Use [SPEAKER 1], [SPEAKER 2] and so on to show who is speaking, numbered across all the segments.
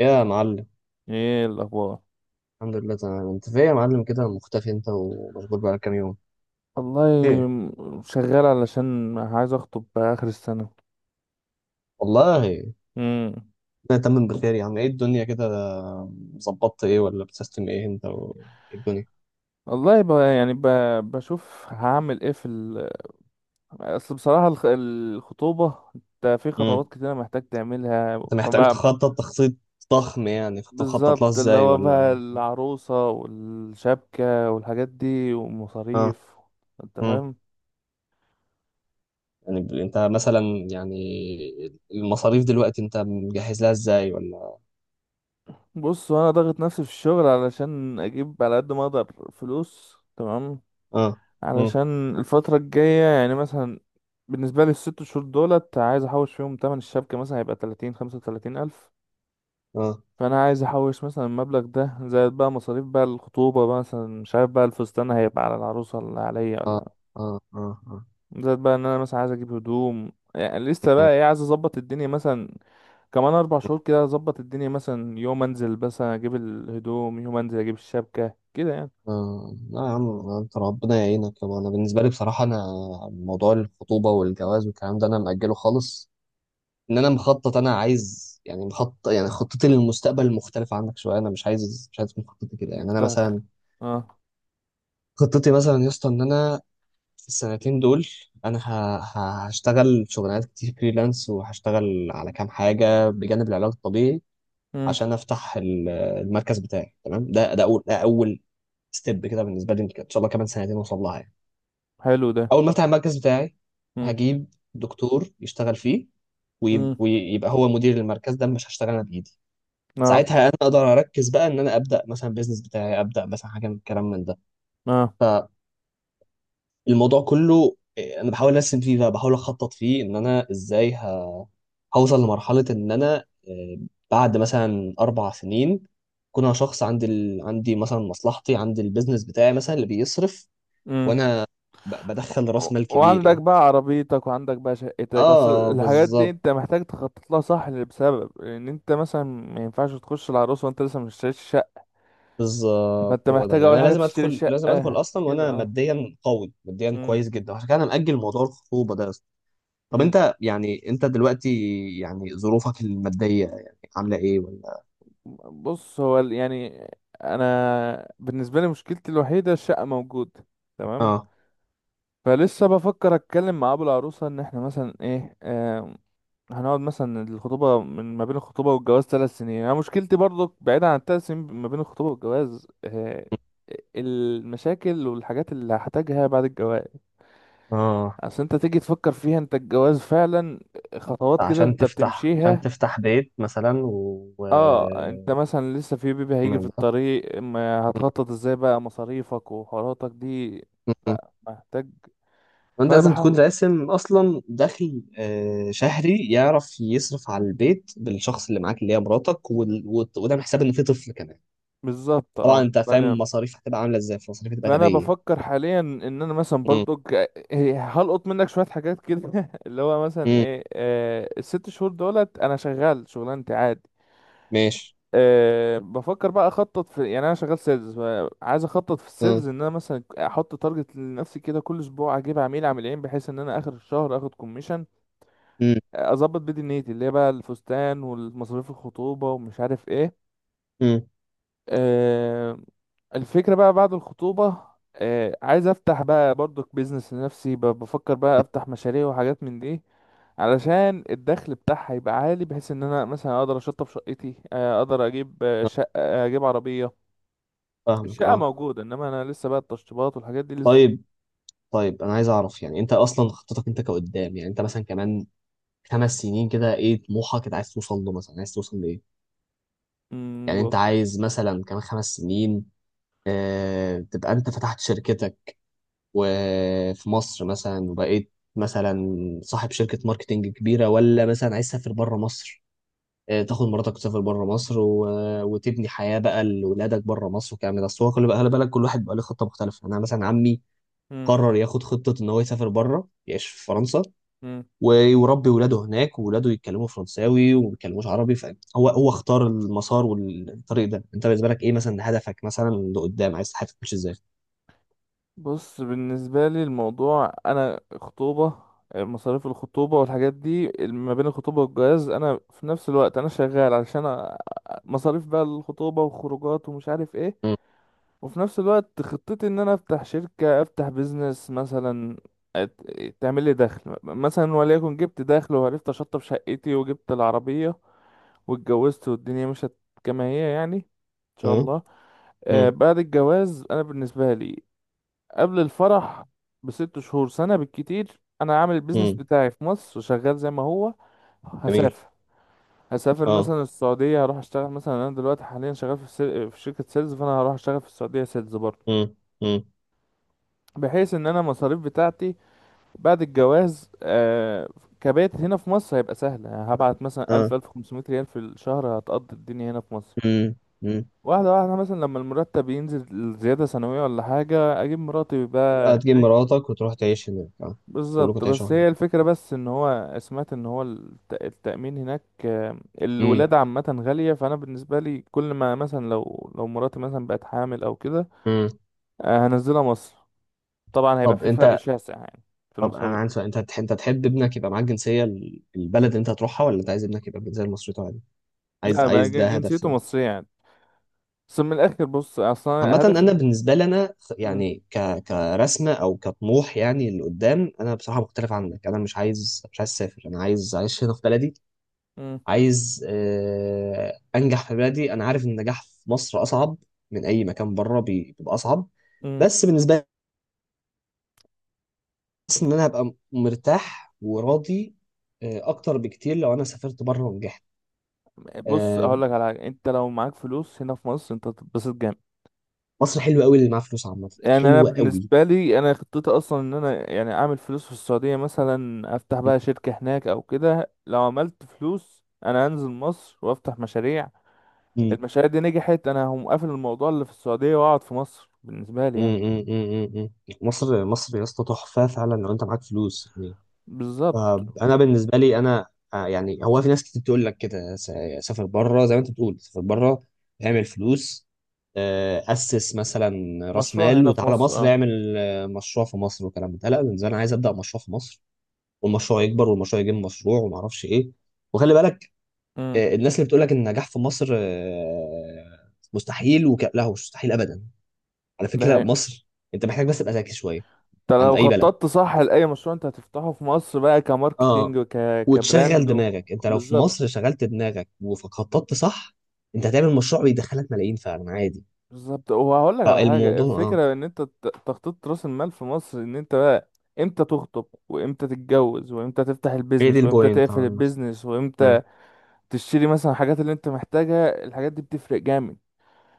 [SPEAKER 1] يا معلم،
[SPEAKER 2] ايه الاخبار؟
[SPEAKER 1] الحمد لله تمام. انت فين يا معلم كده مختفي؟ انت ومشغول بقالك كام يوم؟
[SPEAKER 2] والله،
[SPEAKER 1] ايه؟
[SPEAKER 2] شغال علشان عايز اخطب باخر السنه.
[SPEAKER 1] والله
[SPEAKER 2] امم.
[SPEAKER 1] انا تمام بخير يا عم. ايه الدنيا كده؟ ظبطت ايه ولا بتسيستم ايه انت و... ايه الدنيا؟
[SPEAKER 2] والله، بشوف هعمل ايه في اصل بصراحه الخطوبه، انت في خطوات
[SPEAKER 1] امم،
[SPEAKER 2] كتيره محتاج تعملها
[SPEAKER 1] انت محتاج
[SPEAKER 2] فبقى.
[SPEAKER 1] تخطط تخطيط ضخم يعني. كنت مخطط لها
[SPEAKER 2] بالظبط، اللي
[SPEAKER 1] ازاي
[SPEAKER 2] هو بقى
[SPEAKER 1] ولا؟
[SPEAKER 2] العروسه والشبكه والحاجات دي
[SPEAKER 1] اه،
[SPEAKER 2] ومصاريف. انت
[SPEAKER 1] امم،
[SPEAKER 2] فاهم.
[SPEAKER 1] يعني انت مثلا يعني المصاريف دلوقتي انت مجهز لها ازاي ولا؟
[SPEAKER 2] بص، انا ضاغط نفسي في الشغل علشان اجيب على قد ما اقدر فلوس، تمام.
[SPEAKER 1] اه، امم،
[SPEAKER 2] علشان الفترة الجاية يعني مثلا بالنسبة لي ال6 شهور دولت عايز أحوش فيهم تمن الشبكة، مثلا هيبقى 30، 35 ألف
[SPEAKER 1] اه
[SPEAKER 2] فأنا عايز أحوش مثلا المبلغ ده، زائد بقى مصاريف بقى الخطوبة بقى، مثلا مش عارف بقى الفستان هيبقى على العروسة ولا عليا،
[SPEAKER 1] اه
[SPEAKER 2] ولا
[SPEAKER 1] اه، اه اه،
[SPEAKER 2] زائد بقى إن أنا مثلا عايز أجيب هدوم، يعني لسه بقى إيه، عايز أظبط الدنيا مثلا كمان 4 شهور كده. أظبط الدنيا مثلا يوم أنزل مثلا أجيب الهدوم، يوم أنزل أجيب الشبكة كده يعني.
[SPEAKER 1] آه، لا يا عم انت ربنا يعينك يابا. انا بالنسبه لي بصراحه، انا موضوع الخطوبه والجواز والكلام ده انا مأجله خالص. ان انا مخطط، انا عايز يعني، مخطط يعني خطتي للمستقبل مختلفه عنك شويه. انا مش عايز، مش عايز تكون خطتي كده يعني. انا
[SPEAKER 2] أنت-
[SPEAKER 1] مثلا
[SPEAKER 2] اه.
[SPEAKER 1] خطتي مثلا يا اسطى ان انا في السنتين دول، انا هشتغل شغلانات كتير فريلانس، وهشتغل على كام حاجه بجانب العلاج الطبيعي
[SPEAKER 2] امم.
[SPEAKER 1] عشان افتح المركز بتاعي. تمام، ده اول ستيب كده بالنسبه لي. ان شاء الله كمان سنتين اوصل لها يعني.
[SPEAKER 2] حلو ده.
[SPEAKER 1] اول ما افتح المركز بتاعي
[SPEAKER 2] امم.
[SPEAKER 1] هجيب دكتور يشتغل فيه، ويبقى هو مدير المركز ده، مش هشتغل انا بايدي.
[SPEAKER 2] امم.
[SPEAKER 1] ساعتها انا اقدر اركز بقى ان انا ابدا مثلا بيزنس بتاعي، ابدا مثلا حاجه من الكلام من ده.
[SPEAKER 2] اه.
[SPEAKER 1] فالموضوع كله إيه، انا بحاول ارسم فيه بقى، بحاول اخطط فيه ان انا ازاي هوصل لمرحله ان انا إيه، بعد مثلا اربع سنين اكون انا شخص عندي ال... عندي مثلا مصلحتي، عندي البيزنس بتاعي مثلا اللي بيصرف،
[SPEAKER 2] امم.
[SPEAKER 1] وانا بدخل راس مال كبير
[SPEAKER 2] وعندك
[SPEAKER 1] يعني.
[SPEAKER 2] بقى عربيتك وعندك بقى شقتك، اصل
[SPEAKER 1] اه
[SPEAKER 2] الحاجات دي
[SPEAKER 1] بالظبط،
[SPEAKER 2] انت محتاج تخطط لها، صح، بسبب ان انت مثلا ما ينفعش تخش العروسه وانت لسه ما اشتريتش شقه. فانت
[SPEAKER 1] بالظبط. هو ده
[SPEAKER 2] محتاج
[SPEAKER 1] يعني،
[SPEAKER 2] اول
[SPEAKER 1] انا
[SPEAKER 2] حاجه
[SPEAKER 1] لازم
[SPEAKER 2] تشتري
[SPEAKER 1] ادخل، لازم
[SPEAKER 2] شقه
[SPEAKER 1] ادخل اصلا
[SPEAKER 2] كده،
[SPEAKER 1] وانا
[SPEAKER 2] اه.
[SPEAKER 1] ماديا قوي، ماديا
[SPEAKER 2] امم.
[SPEAKER 1] كويس جدا. عشان كده انا مأجل موضوع الخطوبه ده أصلاً. طب
[SPEAKER 2] امم.
[SPEAKER 1] انت يعني، انت دلوقتي يعني ظروفك الماديه يعني عامله ايه ولا؟
[SPEAKER 2] بص، هو يعني انا بالنسبه لي مشكلتي الوحيده الشقه موجوده، تمام.
[SPEAKER 1] اه،
[SPEAKER 2] فلسه بفكر اتكلم مع ابو العروسه ان احنا مثلا ايه، هنقعد مثلا الخطوبة من ما بين الخطوبة والجواز 3 سنين. أنا مشكلتي برضو بعيدا عن ال3 سنين ما بين الخطوبة والجواز، آه، المشاكل والحاجات اللي هحتاجها بعد الجواز.
[SPEAKER 1] اه
[SPEAKER 2] أصل أنت تيجي تفكر فيها، أنت الجواز فعلا خطوات كده
[SPEAKER 1] عشان
[SPEAKER 2] أنت
[SPEAKER 1] تفتح، عشان
[SPEAKER 2] بتمشيها.
[SPEAKER 1] تفتح بيت مثلا و
[SPEAKER 2] اه، انت
[SPEAKER 1] و-
[SPEAKER 2] مثلا لسه في بيبي هيجي في
[SPEAKER 1] من ده.
[SPEAKER 2] الطريق، ما
[SPEAKER 1] م-
[SPEAKER 2] هتخطط ازاي بقى مصاريفك وحواراتك دي.
[SPEAKER 1] م- م.
[SPEAKER 2] لا، محتاج.
[SPEAKER 1] وانت
[SPEAKER 2] فانا
[SPEAKER 1] لازم
[SPEAKER 2] بحاول.
[SPEAKER 1] تكون راسم اصلا دخل شهري يعرف يصرف على البيت، بالشخص اللي معاك اللي هي مراتك، وده حساب ان في طفل كمان.
[SPEAKER 2] بالظبط،
[SPEAKER 1] طبعا
[SPEAKER 2] اه،
[SPEAKER 1] انت فاهم
[SPEAKER 2] فانا،
[SPEAKER 1] المصاريف هتبقى عامله ازاي. المصاريف هتبقى
[SPEAKER 2] فانا
[SPEAKER 1] غبيه.
[SPEAKER 2] بفكر حاليا ان انا مثلا
[SPEAKER 1] امم،
[SPEAKER 2] برضو هلقط منك شويه حاجات كده اللي هو مثلا
[SPEAKER 1] امم،
[SPEAKER 2] ايه، آه ال6 شهور دولت انا شغال شغلانتي عادي.
[SPEAKER 1] ماشي،
[SPEAKER 2] آه، بفكر بقى اخطط في، يعني انا شغال سيلز، عايز اخطط في
[SPEAKER 1] اه،
[SPEAKER 2] السيلز ان انا مثلا احط تارجت لنفسي كده، كل اسبوع اجيب عميل، عميلين، بحيث ان انا اخر الشهر اخد كوميشن
[SPEAKER 1] امم،
[SPEAKER 2] اظبط بيه دنيتي اللي هي بقى الفستان والمصاريف الخطوبه ومش عارف ايه.
[SPEAKER 1] امم،
[SPEAKER 2] آه، الفكرة بقى بعد الخطوبة، آه، عايز افتح بقى برضك بيزنس لنفسي، بفكر بقى افتح مشاريع وحاجات من دي علشان الدخل بتاعها يبقى عالي، بحيث ان انا مثلا اقدر اشطب شقتي، آه، اقدر اجيب، آه،
[SPEAKER 1] آه،
[SPEAKER 2] شقة، اجيب عربية.
[SPEAKER 1] فاهمك
[SPEAKER 2] الشقة
[SPEAKER 1] اه.
[SPEAKER 2] موجودة، انما انا لسه بقى التشطيبات والحاجات دي لسه.
[SPEAKER 1] طيب، طيب انا عايز اعرف يعني، انت اصلا خطتك انت كقدام يعني، انت مثلا كمان خمس سنين كده ايه طموحك؟ انت عايز توصل له مثلا، عايز توصل لايه؟
[SPEAKER 2] مم،
[SPEAKER 1] يعني
[SPEAKER 2] بص.
[SPEAKER 1] انت عايز مثلا كمان خمس سنين آه، تبقى انت فتحت شركتك وفي مصر مثلا، وبقيت مثلا صاحب شركة ماركتينج كبيرة، ولا مثلا عايز تسافر بره مصر، آه، تاخد مراتك وتسافر بره مصر و... وتبني حياه بقى لولادك بره مصر والكلام ده؟ بس هو خلي بقى، خلي بالك كل واحد بقى له خطه مختلفه. يعني انا مثلا عمي
[SPEAKER 2] مم،
[SPEAKER 1] قرر ياخد خطه ان هو يسافر بره، يعيش في فرنسا،
[SPEAKER 2] مم.
[SPEAKER 1] ويربي ولاده هناك، وولاده يتكلموا فرنساوي وما بيتكلموش عربي. فهو هو اختار المسار والطريق ده. انت بالنسبه لك ايه مثلا هدفك مثلا لقدام؟ عايز حياتك تمشي ازاي؟
[SPEAKER 2] بص، بالنسبة لي الموضوع، أنا خطوبة، مصاريف الخطوبة والحاجات دي ما بين الخطوبة والجواز، أنا في نفس الوقت أنا شغال علشان مصاريف بقى الخطوبة وخروجات ومش عارف إيه.
[SPEAKER 1] مم.
[SPEAKER 2] وفي نفس الوقت خطتي إن أنا أفتح شركة، أفتح بيزنس مثلا، تعمل لي دخل مثلا، وليكن جبت دخل وعرفت أشطب شقتي وجبت العربية واتجوزت والدنيا مشت كما هي يعني إن شاء
[SPEAKER 1] مم.
[SPEAKER 2] الله. آه
[SPEAKER 1] مم.
[SPEAKER 2] بعد الجواز أنا بالنسبة لي قبل الفرح ب6 شهور، سنة بالكتير، أنا عامل البيزنس
[SPEAKER 1] مم.
[SPEAKER 2] بتاعي في مصر شغال زي ما هو.
[SPEAKER 1] جميل.
[SPEAKER 2] هسافر. هسافر
[SPEAKER 1] اه.
[SPEAKER 2] مثلا السعودية، هروح أشتغل مثلا. أنا دلوقتي حاليا شغال في، في شركة سيلز، فأنا هروح أشتغل في السعودية سيلز برضه،
[SPEAKER 1] مم. مم.
[SPEAKER 2] بحيث إن أنا المصاريف بتاعتي بعد الجواز آه، كبيت هنا في مصر هيبقى سهل، يعني هبعت مثلا
[SPEAKER 1] اه.
[SPEAKER 2] 1000، 1500 ريال في الشهر هتقضي الدنيا هنا في مصر.
[SPEAKER 1] مم. مم.
[SPEAKER 2] واحدة واحدة، مثلا لما المرتب ينزل زيادة سنوية ولا حاجة أجيب مراتي
[SPEAKER 1] تبقى
[SPEAKER 2] بقى.
[SPEAKER 1] تجيب مراتك وتروح تعيش هناك اه. كلكم
[SPEAKER 2] بالظبط،
[SPEAKER 1] تعيشوا
[SPEAKER 2] بس هي الفكرة، بس ان هو سمعت ان هو التأمين هناك، آه،
[SPEAKER 1] هناك.
[SPEAKER 2] الولادة عامة غالية، فانا بالنسبة لي كل ما مثلا لو مراتي مثلا بقت حامل او كده،
[SPEAKER 1] مم.
[SPEAKER 2] آه، هنزلها مصر. طبعا هيبقى
[SPEAKER 1] طب
[SPEAKER 2] في فرق
[SPEAKER 1] انت،
[SPEAKER 2] شاسع يعني في
[SPEAKER 1] طب انا
[SPEAKER 2] المصاريف.
[SPEAKER 1] عندي سؤال. انت انت تحب ابنك يبقى معاك جنسيه البلد اللي انت هتروحها، ولا انت عايز ابنك يبقى بالجنسيه المصريه عادي؟ عايز،
[SPEAKER 2] لا بقى،
[SPEAKER 1] عايز، ده هدف
[SPEAKER 2] جنسيته مصرية يعني. بس من الاخر، بص اصلا
[SPEAKER 1] عامه. انا
[SPEAKER 2] هدفي.
[SPEAKER 1] بالنسبه لي، انا
[SPEAKER 2] مم.
[SPEAKER 1] يعني، ك كرسمه او كطموح يعني اللي قدام، انا بصراحه مختلف عنك. انا مش عايز، مش عايز اسافر. انا عايز اعيش هنا في بلدي.
[SPEAKER 2] مم.
[SPEAKER 1] عايز آه، انجح في بلدي. انا عارف ان النجاح في مصر اصعب من اي مكان بره. بيبقى اصعب،
[SPEAKER 2] مم.
[SPEAKER 1] بس بالنسبه، حاسس ان انا هبقى مرتاح وراضي آه، اكتر بكتير لو انا سافرت بره ونجحت.
[SPEAKER 2] بص،
[SPEAKER 1] آه،
[SPEAKER 2] اقول لك على حاجة، انت لو معاك فلوس هنا في مصر انت هتتبسط جامد.
[SPEAKER 1] مصر حلوه قوي اللي معاه فلوس عامه.
[SPEAKER 2] يعني انا
[SPEAKER 1] حلوه قوي.
[SPEAKER 2] بالنسبه لي انا خطتي اصلا ان انا يعني اعمل فلوس في السعوديه مثلا، افتح بقى شركه هناك او كده. لو عملت فلوس انا هنزل مصر وافتح مشاريع.
[SPEAKER 1] مم.
[SPEAKER 2] المشاريع دي نجحت انا هقوم قافل الموضوع اللي في السعوديه واقعد في مصر، بالنسبه لي
[SPEAKER 1] مم،
[SPEAKER 2] يعني.
[SPEAKER 1] مم، مم، مم. مصر مصر يا اسطى تحفه فعلا لو انت معاك فلوس يعني.
[SPEAKER 2] بالظبط.
[SPEAKER 1] آه، انا بالنسبه لي انا آه، يعني هو في ناس كتير بتقول لك كده سافر بره، زي ما انت بتقول سافر بره، اعمل فلوس، آه، اسس مثلا راس
[SPEAKER 2] مشروع
[SPEAKER 1] مال
[SPEAKER 2] هنا في
[SPEAKER 1] وتعالى
[SPEAKER 2] مصر،
[SPEAKER 1] مصر
[SPEAKER 2] اه.
[SPEAKER 1] اعمل آه، مشروع في مصر والكلام ده. لا، بالنسبه لي انا عايز ابدا مشروع في مصر، والمشروع يكبر، والمشروع يجيب مشروع، وما اعرفش ايه. وخلي بالك
[SPEAKER 2] امم.
[SPEAKER 1] آه، الناس اللي بتقول لك ان النجاح في مصر آه، مستحيل لا، مش مستحيل ابدا، على
[SPEAKER 2] ده
[SPEAKER 1] فكره.
[SPEAKER 2] هي.
[SPEAKER 1] مصر انت محتاج بس تبقى ذكي شويه،
[SPEAKER 2] انت
[SPEAKER 1] عند
[SPEAKER 2] لو
[SPEAKER 1] اي بلد.
[SPEAKER 2] خططت صح لاي مشروع انت هتفتحه في مصر بقى،
[SPEAKER 1] اه،
[SPEAKER 2] كماركتينج وك،
[SPEAKER 1] وتشغل
[SPEAKER 2] كبراند و...
[SPEAKER 1] دماغك. انت لو في
[SPEAKER 2] بالظبط.
[SPEAKER 1] مصر شغلت دماغك وخططت صح، انت هتعمل مشروع بيدخلك ملايين فعلا عادي.
[SPEAKER 2] بالظبط، وهقول لك
[SPEAKER 1] اه،
[SPEAKER 2] على حاجه،
[SPEAKER 1] الموضوع اه،
[SPEAKER 2] الفكره ان انت تخطيط راس المال في مصر، ان انت بقى امتى تخطب وامتى تتجوز وامتى تفتح
[SPEAKER 1] هي دي
[SPEAKER 2] البيزنس وامتى
[SPEAKER 1] البوينت
[SPEAKER 2] تقفل
[SPEAKER 1] عامة.
[SPEAKER 2] البيزنس وامتى
[SPEAKER 1] مم.
[SPEAKER 2] تشتري مثلا الحاجات اللي انت محتاجها، الحاجات دي بتفرق جامد.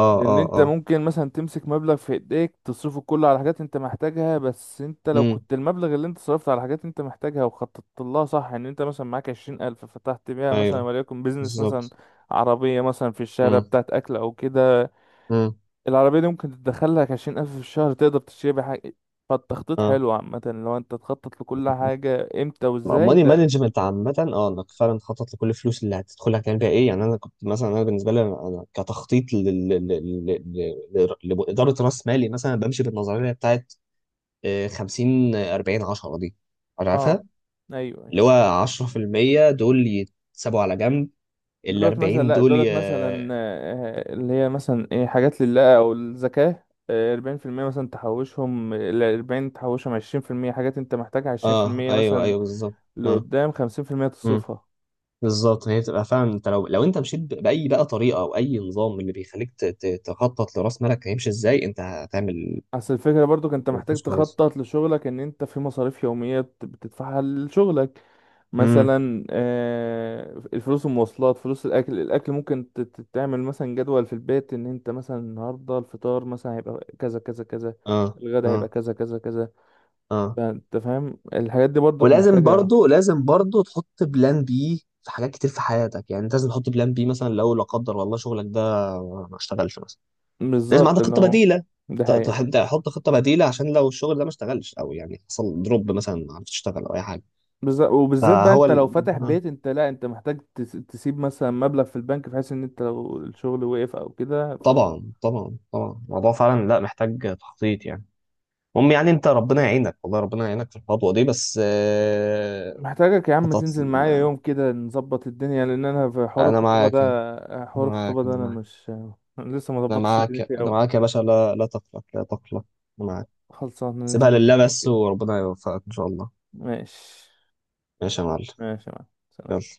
[SPEAKER 1] اه
[SPEAKER 2] لان
[SPEAKER 1] اه
[SPEAKER 2] انت
[SPEAKER 1] اه.
[SPEAKER 2] ممكن مثلا تمسك مبلغ في ايديك تصرفه كله على حاجات انت محتاجها، بس انت لو
[SPEAKER 1] امم.
[SPEAKER 2] كنت المبلغ اللي انت صرفته على حاجات انت محتاجها وخططت لها صح ان انت مثلا معاك 20 الف فتحت بيها مثلا
[SPEAKER 1] ايوه،
[SPEAKER 2] وليكن بيزنس، مثلا
[SPEAKER 1] بالظبط.
[SPEAKER 2] عربية مثلا في الشارع
[SPEAKER 1] امم.
[SPEAKER 2] بتاعت اكل او كده.
[SPEAKER 1] امم.
[SPEAKER 2] العربية دي ممكن تدخلك 20 ألف في الشهر، تقدر تشتري بيها حاجة. فالتخطيط
[SPEAKER 1] اه.
[SPEAKER 2] حلو عامة، لو أنت تخطط لكل حاجة إمتى وإزاي
[SPEAKER 1] ماني
[SPEAKER 2] ده.
[SPEAKER 1] مانجمنت عامة، اه، انك فعلا تخطط لكل الفلوس اللي هتدخلها هتعمل بيها ايه. يعني انا كنت مثلا، انا بالنسبة لي، انا كتخطيط لل- لإدارة راس مالي مثلا، بمشي بالنظرية بتاعت آه، 50 آه، 40 10 دي،
[SPEAKER 2] أه.
[SPEAKER 1] عارفها؟
[SPEAKER 2] أيوه، أيوة.
[SPEAKER 1] اللي هو 10% دول يتسابوا على جنب، ال
[SPEAKER 2] دولت مثلا،
[SPEAKER 1] 40
[SPEAKER 2] لأ
[SPEAKER 1] دول ي...
[SPEAKER 2] دولت مثلا آه، اللي هي مثلا إيه حاجات لله أو الزكاة. آه، 40 في المية مثلا تحوشهم، الأربعين تحوشهم 20 في المية حاجات أنت محتاجها، عشرين في
[SPEAKER 1] اه،
[SPEAKER 2] المية
[SPEAKER 1] ايوه،
[SPEAKER 2] مثلا
[SPEAKER 1] ايوه، بالظبط. اه.
[SPEAKER 2] لقدام، 50 في المية
[SPEAKER 1] امم.
[SPEAKER 2] تصرفها.
[SPEAKER 1] بالظبط. هي بتبقى فعلا، انت لو انت مشيت باي بقى طريقه او اي نظام اللي بيخليك تخطط لراس مالك هيمشي ازاي، انت هتعمل
[SPEAKER 2] اصل الفكرة برضو انت محتاج
[SPEAKER 1] مش كويس.
[SPEAKER 2] تخطط لشغلك، ان انت في مصاريف يومية بتدفعها لشغلك.
[SPEAKER 1] امم.
[SPEAKER 2] مثلا آه، الفلوس المواصلات، فلوس الاكل، الاكل ممكن تعمل مثلا جدول في البيت، ان انت مثلا النهاردة الفطار مثلا هيبقى كذا كذا كذا،
[SPEAKER 1] اه
[SPEAKER 2] الغدا هيبقى
[SPEAKER 1] اه
[SPEAKER 2] كذا كذا كذا.
[SPEAKER 1] اه.
[SPEAKER 2] فانت فاهم الحاجات دي برضو
[SPEAKER 1] ولازم
[SPEAKER 2] محتاجة.
[SPEAKER 1] برضو، لازم برضو تحط بلان بي في حاجات كتير في حياتك. يعني انت لازم تحط بلان بي مثلا لو لا قدر والله شغلك ده ما اشتغلش مثلا، لازم
[SPEAKER 2] بالظبط،
[SPEAKER 1] عندك
[SPEAKER 2] اللي
[SPEAKER 1] خطه
[SPEAKER 2] هو
[SPEAKER 1] بديله.
[SPEAKER 2] ده حقيقة.
[SPEAKER 1] تحط خطه بديله عشان لو الشغل ده ما اشتغلش، او يعني حصل دروب مثلا ما عرفتش تشتغل او اي حاجه.
[SPEAKER 2] بالظبط، وبالذات بقى
[SPEAKER 1] فهو
[SPEAKER 2] انت لو
[SPEAKER 1] ال...
[SPEAKER 2] فاتح
[SPEAKER 1] آه.
[SPEAKER 2] بيت، انت لا، انت محتاج تسيب مثلا مبلغ في البنك، بحيث ان انت لو الشغل وقف او كده.
[SPEAKER 1] طبعا طبعا طبعا، الموضوع فعلا لا محتاج تخطيط يعني. المهم يعني انت ربنا يعينك والله، ربنا يعينك في الخطوه دي، بس آه،
[SPEAKER 2] محتاجك يا عم
[SPEAKER 1] خطط.
[SPEAKER 2] تنزل معايا يوم كده نظبط الدنيا، لان انا في حوار
[SPEAKER 1] انا
[SPEAKER 2] الخطوبة ده،
[SPEAKER 1] معاك يعني. أنا
[SPEAKER 2] حوار الخطوبة
[SPEAKER 1] معاك،
[SPEAKER 2] ده
[SPEAKER 1] أنا
[SPEAKER 2] انا
[SPEAKER 1] معاك.
[SPEAKER 2] مش لسه، ما
[SPEAKER 1] أنا
[SPEAKER 2] ظبطتش
[SPEAKER 1] معاك،
[SPEAKER 2] الدنيا فيه
[SPEAKER 1] أنا
[SPEAKER 2] قوي.
[SPEAKER 1] معاك يا باشا. لا لا تقلق، لا تقلق، أنا معاك.
[SPEAKER 2] خلصان ننزل
[SPEAKER 1] سيبها
[SPEAKER 2] نظبط
[SPEAKER 1] لله
[SPEAKER 2] يوم
[SPEAKER 1] بس
[SPEAKER 2] كده.
[SPEAKER 1] وربنا يوفقك إن شاء الله.
[SPEAKER 2] ماشي.
[SPEAKER 1] ماشي يا معلم.
[SPEAKER 2] ماشي يا معلم، سلام.
[SPEAKER 1] يلا.